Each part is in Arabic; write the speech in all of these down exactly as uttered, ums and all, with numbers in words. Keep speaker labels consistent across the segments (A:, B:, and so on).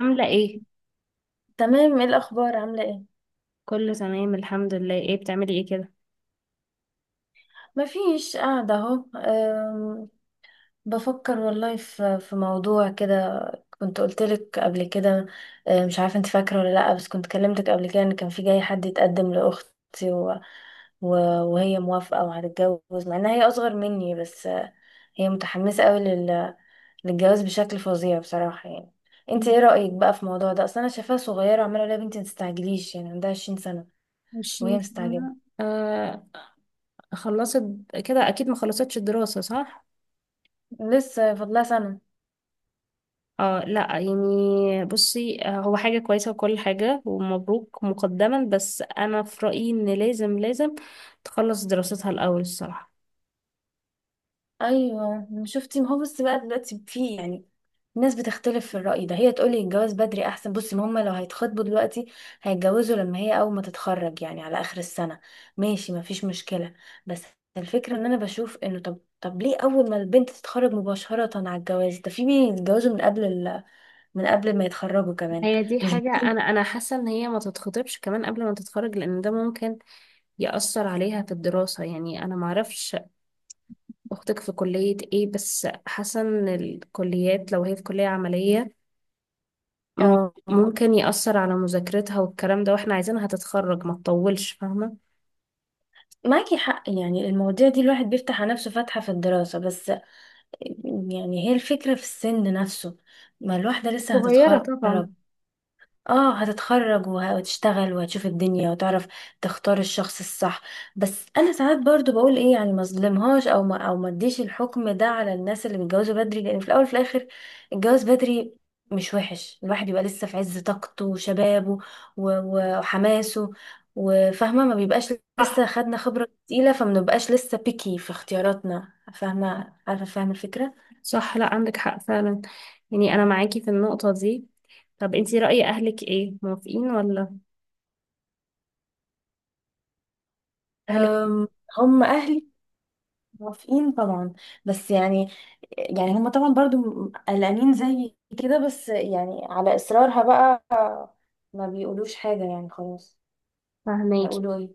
A: عاملة ايه؟
B: تمام، ايه الاخبار؟ عامله ايه؟
A: كله تمام الحمد لله. ايه بتعملي ايه كده؟
B: مفيش، قاعده اهو. أم، بفكر والله في في موضوع كده. كنت قلتلك قبل كده. أه، مش عارفه انت فاكره ولا لا، بس كنت كلمتك قبل كده ان كان في جاي حد يتقدم لاختي و... و... وهي موافقه وهتتجوز، مع انها هي اصغر مني. بس أه، هي متحمسه قوي لل... للجواز بشكل فظيع بصراحه، يعني. انت
A: مم.
B: ايه رايك بقى في الموضوع ده؟ اصل انا شايفاها صغيره، وعماله اقول لها يا بنتي ما تستعجليش، يعني عندها عشرين سنه،
A: عشرين
B: وهي مستعجله.
A: سنة آه. خلصت كده، اكيد ما خلصتش الدراسة صح؟
B: لسه فاضلها سنه.
A: اه، لا يعني بصي، آه، هو حاجة كويسة وكل حاجة، ومبروك مقدما. بس انا في رأيي ان لازم لازم تخلص دراستها الاول الصراحة.
B: ايوه، شفتي، ما هو بس بقى دلوقتي في، يعني الناس بتختلف في الرأي ده. هي تقولي الجواز بدري احسن. بصي، ما هما لو هيتخطبوا دلوقتي هيتجوزوا لما هي اول ما تتخرج، يعني على اخر السنة. ماشي، ما فيش مشكلة. بس الفكرة ان انا بشوف انه، طب طب ليه اول ما البنت تتخرج مباشرة على الجواز ده؟ في بيتجوزوا من قبل ال... من قبل ما يتخرجوا كمان.
A: هي دي
B: مش ب-
A: حاجة، انا انا حاسة ان هي ما تتخطبش كمان قبل ما تتخرج، لان ده ممكن يأثر عليها في الدراسة. يعني انا معرفش أختك في كلية إيه، بس حاسة إن الكليات لو هي في كلية عملية م-
B: اه،
A: ممكن يأثر على مذاكرتها والكلام ده، وإحنا عايزينها تتخرج ما تطولش، فاهمة؟
B: معاكي حق. يعني المواضيع دي الواحد بيفتح على نفسه فتحة في الدراسة. بس يعني هي الفكرة في السن نفسه، ما الواحدة لسه
A: صغيرة
B: هتتخرج.
A: طبعا.
B: اه، هتتخرج وه- وهتشتغل وهتشوف الدنيا وتعرف تختار الشخص الصح. بس انا ساعات برضو بقول ايه، يعني ما اظلمهاش او ما او ما اديش الحكم ده على الناس اللي بيتجوزوا بدري، لان في الاول وفي الاخر الجواز بدري مش وحش. الواحد يبقى لسه في عز طاقته وشبابه و- و- وحماسه وفاهمة، ما بيبقاش لسه
A: صح
B: خدنا خبرة تقيلة، فما بنبقاش لسه بيكي في اختياراتنا. فاهمة؟ عارفة فاهمة الفكرة.
A: صح، لا عندك حق فعلا، يعني أنا معاكي في النقطة دي. طب أنتي رأي أهلك إيه، موافقين ولا؟ أهلك؟
B: أم، هم اهلي موافقين طبعا، بس يعني يعني هم طبعا برضو م- قلقانين زي كده، بس يعني على اصرارها بقى ما بيقولوش حاجة، يعني خلاص،
A: فاهماكي.
B: هيقولوا ايه.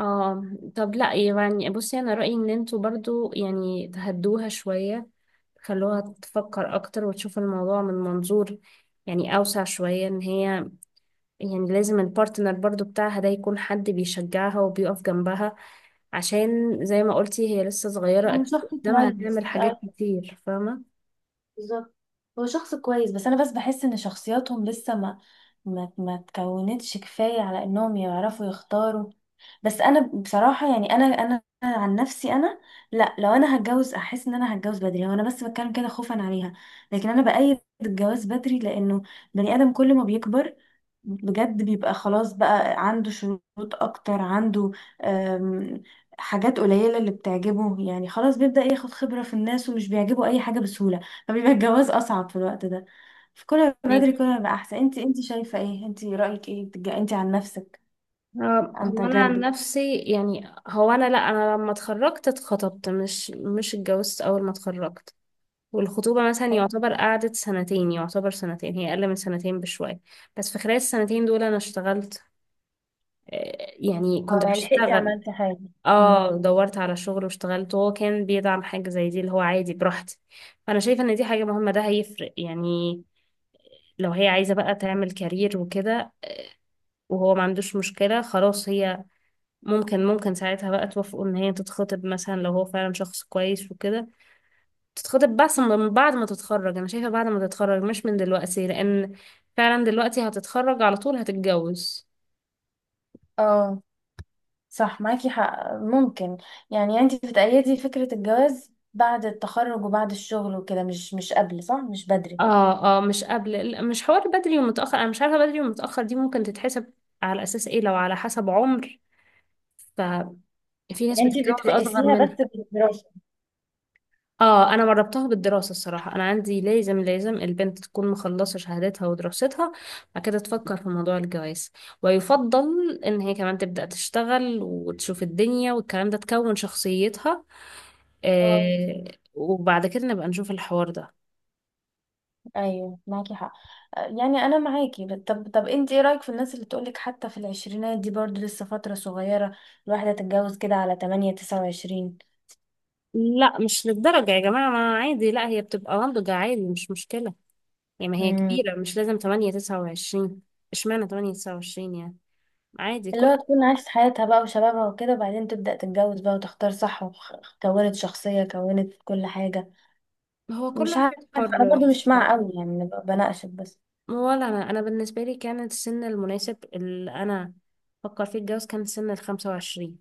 A: اه. طب لا، يعني بصي، أنا رأيي إن انتوا برضو يعني تهدوها شوية، خلوها تفكر أكتر وتشوف الموضوع من منظور يعني أوسع شوية. إن هي، يعني لازم البارتنر برضو بتاعها ده يكون حد بيشجعها وبيقف جنبها، عشان زي ما قلتي هي لسه صغيرة،
B: هو
A: أكيد
B: شخص
A: قدامها
B: كويس.
A: هتعمل حاجات كتير، فاهمة؟
B: بالظبط، هو شخص كويس، بس انا بس بحس ان شخصياتهم لسه ما ما ما تكونتش كفايه على انهم يعرفوا يختاروا. بس انا بصراحه، يعني انا انا أنا عن نفسي، انا لا، لو انا هتجوز احس ان انا هتجوز بدري. هو انا بس بتكلم كده خوفا عليها، لكن انا بأيد الجواز بدري، لانه بني ادم كل ما بيكبر بجد بيبقى خلاص بقى عنده شروط اكتر، عنده، أم، حاجات قليله اللي بتعجبه، يعني خلاص بيبدأ ياخد خبره في الناس، ومش بيعجبه اي حاجه بسهوله. فبيبقى الجواز اصعب في الوقت ده، فكل ما بدري
A: ماكي.
B: كل ما يبقى احسن. انت انت شايفه ايه؟ انت رايك ايه؟ بتج- انت عن نفسك،
A: آه،
B: عن
A: هو أنا عن
B: تجاربك.
A: نفسي، يعني هو أنا لأ، أنا لما اتخرجت اتخطبت، مش مش اتجوزت أول ما اتخرجت. والخطوبة مثلا
B: ح-
A: يعتبر قعدت سنتين، يعتبر سنتين، هي أقل من سنتين بشوية. بس في خلال السنتين دول أنا اشتغلت. آه، يعني كنت
B: اه، يعني لحقتي
A: بشتغل.
B: عملتي حاجة. مم.
A: اه، دورت على شغل واشتغلت، وهو كان بيدعم حاجة زي دي، اللي هو عادي براحتي. فأنا شايفة إن دي حاجة مهمة، ده هيفرق يعني. لو هي عايزة بقى تعمل كارير وكده، وهو ما عندوش مشكلة، خلاص هي ممكن ممكن ساعتها بقى توافقوا إن هي تتخطب مثلا، لو هو فعلا شخص كويس وكده تتخطب. بس من بعد ما تتخرج، أنا شايفة بعد ما تتخرج مش من دلوقتي، لأن فعلا دلوقتي هتتخرج على طول هتتجوز.
B: اه، صح، معاكي حق، ممكن. يعني انت بتأيدي فكرة الجواز بعد التخرج وبعد الشغل وكده، مش مش قبل، صح؟ مش بدري.
A: اه اه، مش قبل، لا، مش حوار بدري ومتأخر، انا مش عارفة بدري ومتأخر دي ممكن تتحسب على اساس ايه، لو على حسب عمر ففي ناس
B: يعني انت
A: بتتجوز اصغر
B: بتقيسيها بس
A: منها.
B: بالدراسة.
A: اه انا مربطها بالدراسة الصراحة، انا عندي لازم لازم البنت تكون مخلصة شهادتها ودراستها، بعد كده تفكر في موضوع الجواز. ويفضل ان هي كمان تبدأ تشتغل وتشوف الدنيا والكلام ده، تكون شخصيتها.
B: اه.
A: آه. وبعد كده نبقى نشوف الحوار ده.
B: ايوه معاكي حق. آه، يعني انا معاكي، بس- طب طب انت ايه رايك في الناس اللي تقولك حتى في العشرينات دي برضو لسه فتره صغيره، الواحده تتجوز كده على تمنية تسعة وعشرين؟
A: لا مش للدرجة يا جماعة، ما عادي، لا هي بتبقى ناضجة عادي، مش مشكلة. يعني ما هي
B: امم
A: كبيرة، مش لازم تمانية تسعة وعشرين، اشمعنى تمانية تسعة وعشرين يعني؟ عادي
B: اللي
A: كل
B: هو تكون عاشت حياتها بقى وشبابها وكده، وبعدين تبدا تتجوز بقى وتختار صح، وكونت شخصيه، كونت كل حاجه.
A: هو كل
B: مش عارفه،
A: واحد
B: انا
A: حر
B: برضو مش مع
A: الصراحة.
B: قوي، يعني أنا ب- بناقشك بس.
A: ولا أنا أنا بالنسبة لي كان السن المناسب اللي أنا فكر فيه الجواز كان سن الخمسة وعشرين.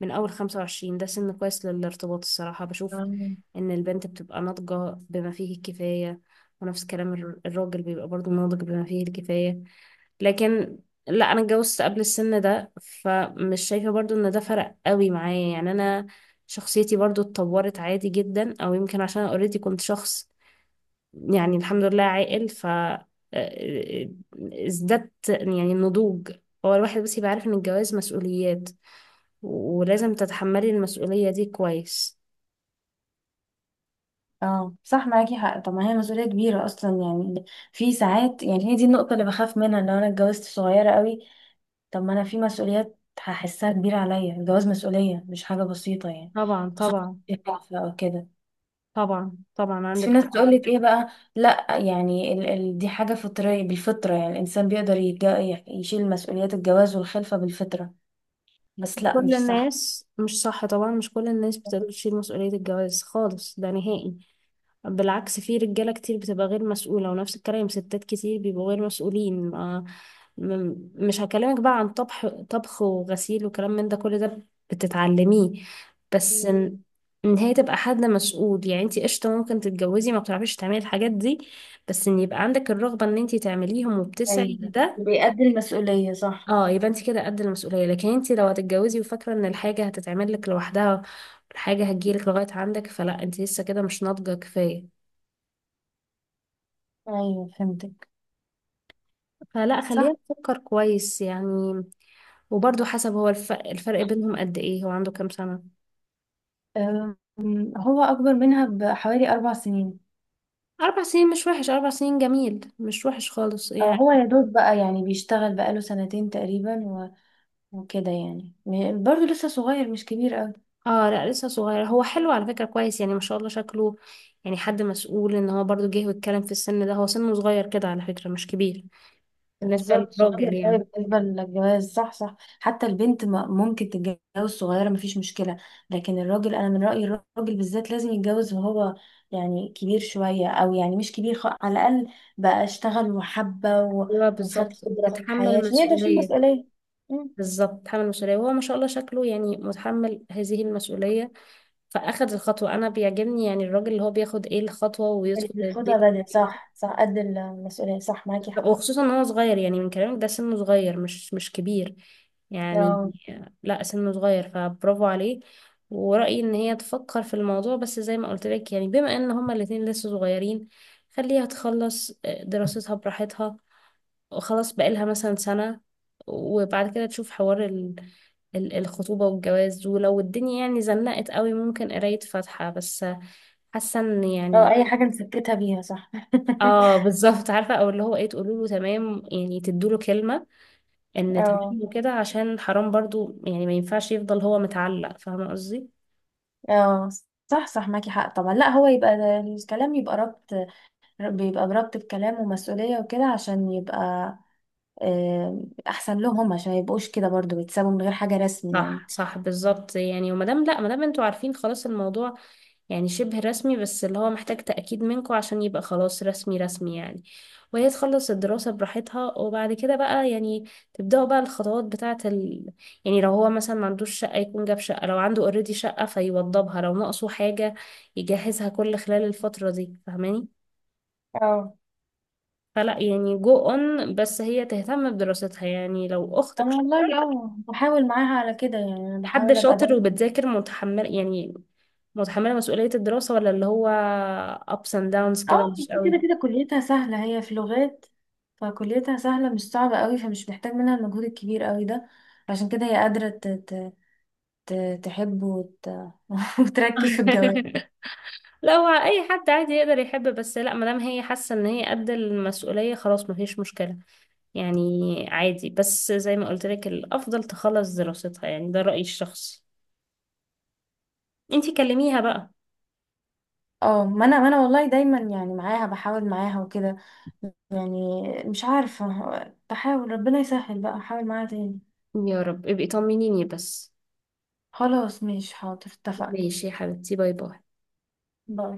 A: من أول خمسة وعشرين ده سن كويس للارتباط الصراحة، بشوف
B: مم.
A: إن البنت بتبقى ناضجة بما فيه الكفاية، ونفس كلام الر- الراجل بيبقى برضه ناضج بما فيه الكفاية. لكن لا انا اتجوزت قبل السن ده، فمش شايفة برضو ان ده فرق قوي معايا، يعني انا شخصيتي برضو اتطورت عادي جدا، او يمكن عشان اوريدي كنت شخص يعني الحمد لله عاقل. ف آه، آه، ازددت يعني النضوج. هو الواحد بس يبقى عارف ان الجواز مسؤوليات، ولازم تتحملي المسؤولية دي كويس.
B: اه، صح معاكي حق. طب ما هي مسؤولية كبيرة اصلا، يعني في ساعات، يعني هي دي النقطة اللي بخاف منها لو انا اتجوزت صغيرة قوي. طب ما انا في مسؤوليات هحسها كبيرة عليا. الجواز مسؤولية، مش حاجة بسيطة يعني.
A: طبعا
B: خصوصا
A: طبعا.
B: او كده.
A: طبعا طبعا
B: بس في
A: عندك
B: ناس
A: حق.
B: تقولك ايه بقى؟ لا، يعني ال ال دي حاجة فطرية، بالفطرة يعني الانسان بيقدر يتج- يشيل مسؤوليات الجواز والخلفة بالفطرة. بس لا،
A: كل
B: مش صح.
A: الناس مش صح، طبعا مش كل الناس بتقدر تشيل مسؤولية الجواز خالص، ده نهائي، بالعكس في رجالة كتير بتبقى غير مسؤولة، ونفس الكلام ستات كتير بيبقوا غير مسؤولين. ما م- مش هكلمك بقى عن طبخ طبخ وغسيل وكلام من ده، كل ده بتتعلميه. بس
B: مم.
A: ان إن هي تبقى حد مسؤول، يعني انتي قشطة ممكن تتجوزي ما بتعرفيش تعملي الحاجات دي، بس ان يبقى عندك الرغبة ان انتي تعمليهم وبتسعي
B: ايوه،
A: لده.
B: بيأدي المسؤولية، صح.
A: اه يبقى انتي كده قد المسؤولية، لكن انتي لو هتتجوزي وفاكرة ان الحاجة هتتعمل لك لوحدها، الحاجة هتجيلك لغاية عندك، فلا انتي لسه كده مش ناضجة كفاية.
B: ايوه، فهمتك.
A: فلا
B: صح.
A: خلينا نفكر كويس يعني. وبرضه حسب هو الف- الفرق بينهم قد ايه، هو عنده كام سنة؟
B: أم، هو أكبر منها بحوالي أربع سنين.
A: أربع سنين مش وحش، أربع سنين جميل، مش وحش خالص
B: أه،
A: يعني.
B: هو يا دوب بقى يعني بيشتغل بقاله سنتين تقريبا، وكده يعني م- برضه لسه صغير، مش كبير قوي.
A: اه لا لسه صغير، هو حلو على فكرة، كويس يعني ما شاء الله شكله، يعني حد مسؤول ان هو برضه جه واتكلم في السن ده. هو سنه صغير كده على فكرة، مش كبير بالنسبة
B: بالظبط،
A: للراجل
B: صغير قوي
A: يعني.
B: بالنسبة للجواز. صح صح. حتى البنت ما- ممكن تتجوز صغيرة، مفيش مشكلة. لكن الراجل، أنا من رأيي الراجل بالذات لازم يتجوز وهو يعني كبير شوية، أو يعني مش كبير، خ... على الأقل بقى اشتغل وحبة و...
A: ايوه
B: وخد
A: بالظبط،
B: خبرة في الحياة،
A: اتحمل
B: عشان يقدر يشيل
A: مسؤولية.
B: مسؤولية. مم.
A: بالظبط اتحمل مسؤولية، وهو ما شاء الله شكله يعني متحمل هذه المسؤولية، فاخد الخطوه. انا بيعجبني يعني الراجل اللي هو بياخد ايه الخطوه
B: اللي
A: ويدخل
B: بياخدها
A: البيت،
B: بدري، صح صح، قد المسؤولية. صح، معاكي حق.
A: وخصوصا ان هو صغير يعني، من كلامك ده سنه صغير، مش مش كبير يعني.
B: أو
A: لا سنه صغير، فبرافو عليه. ورأيي ان هي تفكر في الموضوع، بس زي ما قلت لك يعني، بما ان هما الاتنين لسه صغيرين، خليها تخلص آه، دراستها براحتها، خلاص بقالها مثلا سنة، وبعد كده تشوف حوار ال... ال- الخطوبة والجواز، ولو الدنيا يعني زنقت قوي ممكن قراية فاتحة بس، حاسة ان
B: أو
A: يعني،
B: أي حاجة نسكتها بيها، صح.
A: اه بالظبط عارفة، او اللي هو ايه تقولوا له تمام يعني، تدوا له كلمة ان
B: اه.
A: تمام وكده، عشان حرام برضو يعني، ما ينفعش يفضل هو متعلق، فاهمة قصدي؟
B: اه، صح صح، معاكي حق طبعا. لا، هو يبقى ده- الكلام يبقى ربط، بيبقى بربط بكلام ومسؤولية وكده، عشان يبقى آه، أحسن لهم، عشان ميبقوش كده برضو بيتسابوا من غير حاجة رسمي، يعني.
A: صح صح بالظبط يعني. ومادام لا، مادام انتوا عارفين خلاص الموضوع، يعني شبه رسمي، بس اللي هو محتاج تأكيد منكم عشان يبقى خلاص رسمي رسمي يعني. وهي تخلص الدراسة براحتها، وبعد كده بقى يعني تبدأوا بقى الخطوات بتاعة ال... يعني لو هو مثلا ما عندوش شقة يكون جاب شقة، لو عنده اوريدي شقة فيوضبها، لو ناقصه حاجة يجهزها، كل خلال الفترة دي، فاهماني؟
B: اه.
A: فلا يعني جو اون، بس هي تهتم بدراستها. يعني لو أختك
B: أنا
A: شاطرة،
B: والله اه، بحاول معاها على كده، يعني أنا
A: حد
B: بحاول أبقى
A: شاطر
B: ده.
A: وبتذاكر متحمل يعني، متحملة مسؤولية الدراسة، ولا اللي هو ups and downs
B: اه،
A: كده مش قوي.
B: كده كده كليتها سهلة، هي في لغات، فكليتها سهلة، مش صعبة قوي، فمش محتاج منها المجهود الكبير قوي ده. عشان كده هي قادرة ت- ت- ت- تحب وت... وتركز في الجواب.
A: لا هو اي حد عادي يقدر يحب، بس لا ما دام هي حاسه ان هي قد المسؤوليه خلاص ما فيش مشكله يعني. عادي بس زي ما قلت لك، الافضل تخلص دراستها، يعني ده رايي الشخصي، انتي كلميها بقى.
B: اه، ما انا ما انا والله دايما يعني معاها بحاول معاها وكده، يعني مش عارفة، بحاول ربنا يسهل بقى، احاول معاها تاني.
A: يا رب، ابقي طمنيني بس.
B: خلاص، ماشي، حاضر، اتفقنا.
A: ماشي يا حبيبتي، باي باي.
B: باي.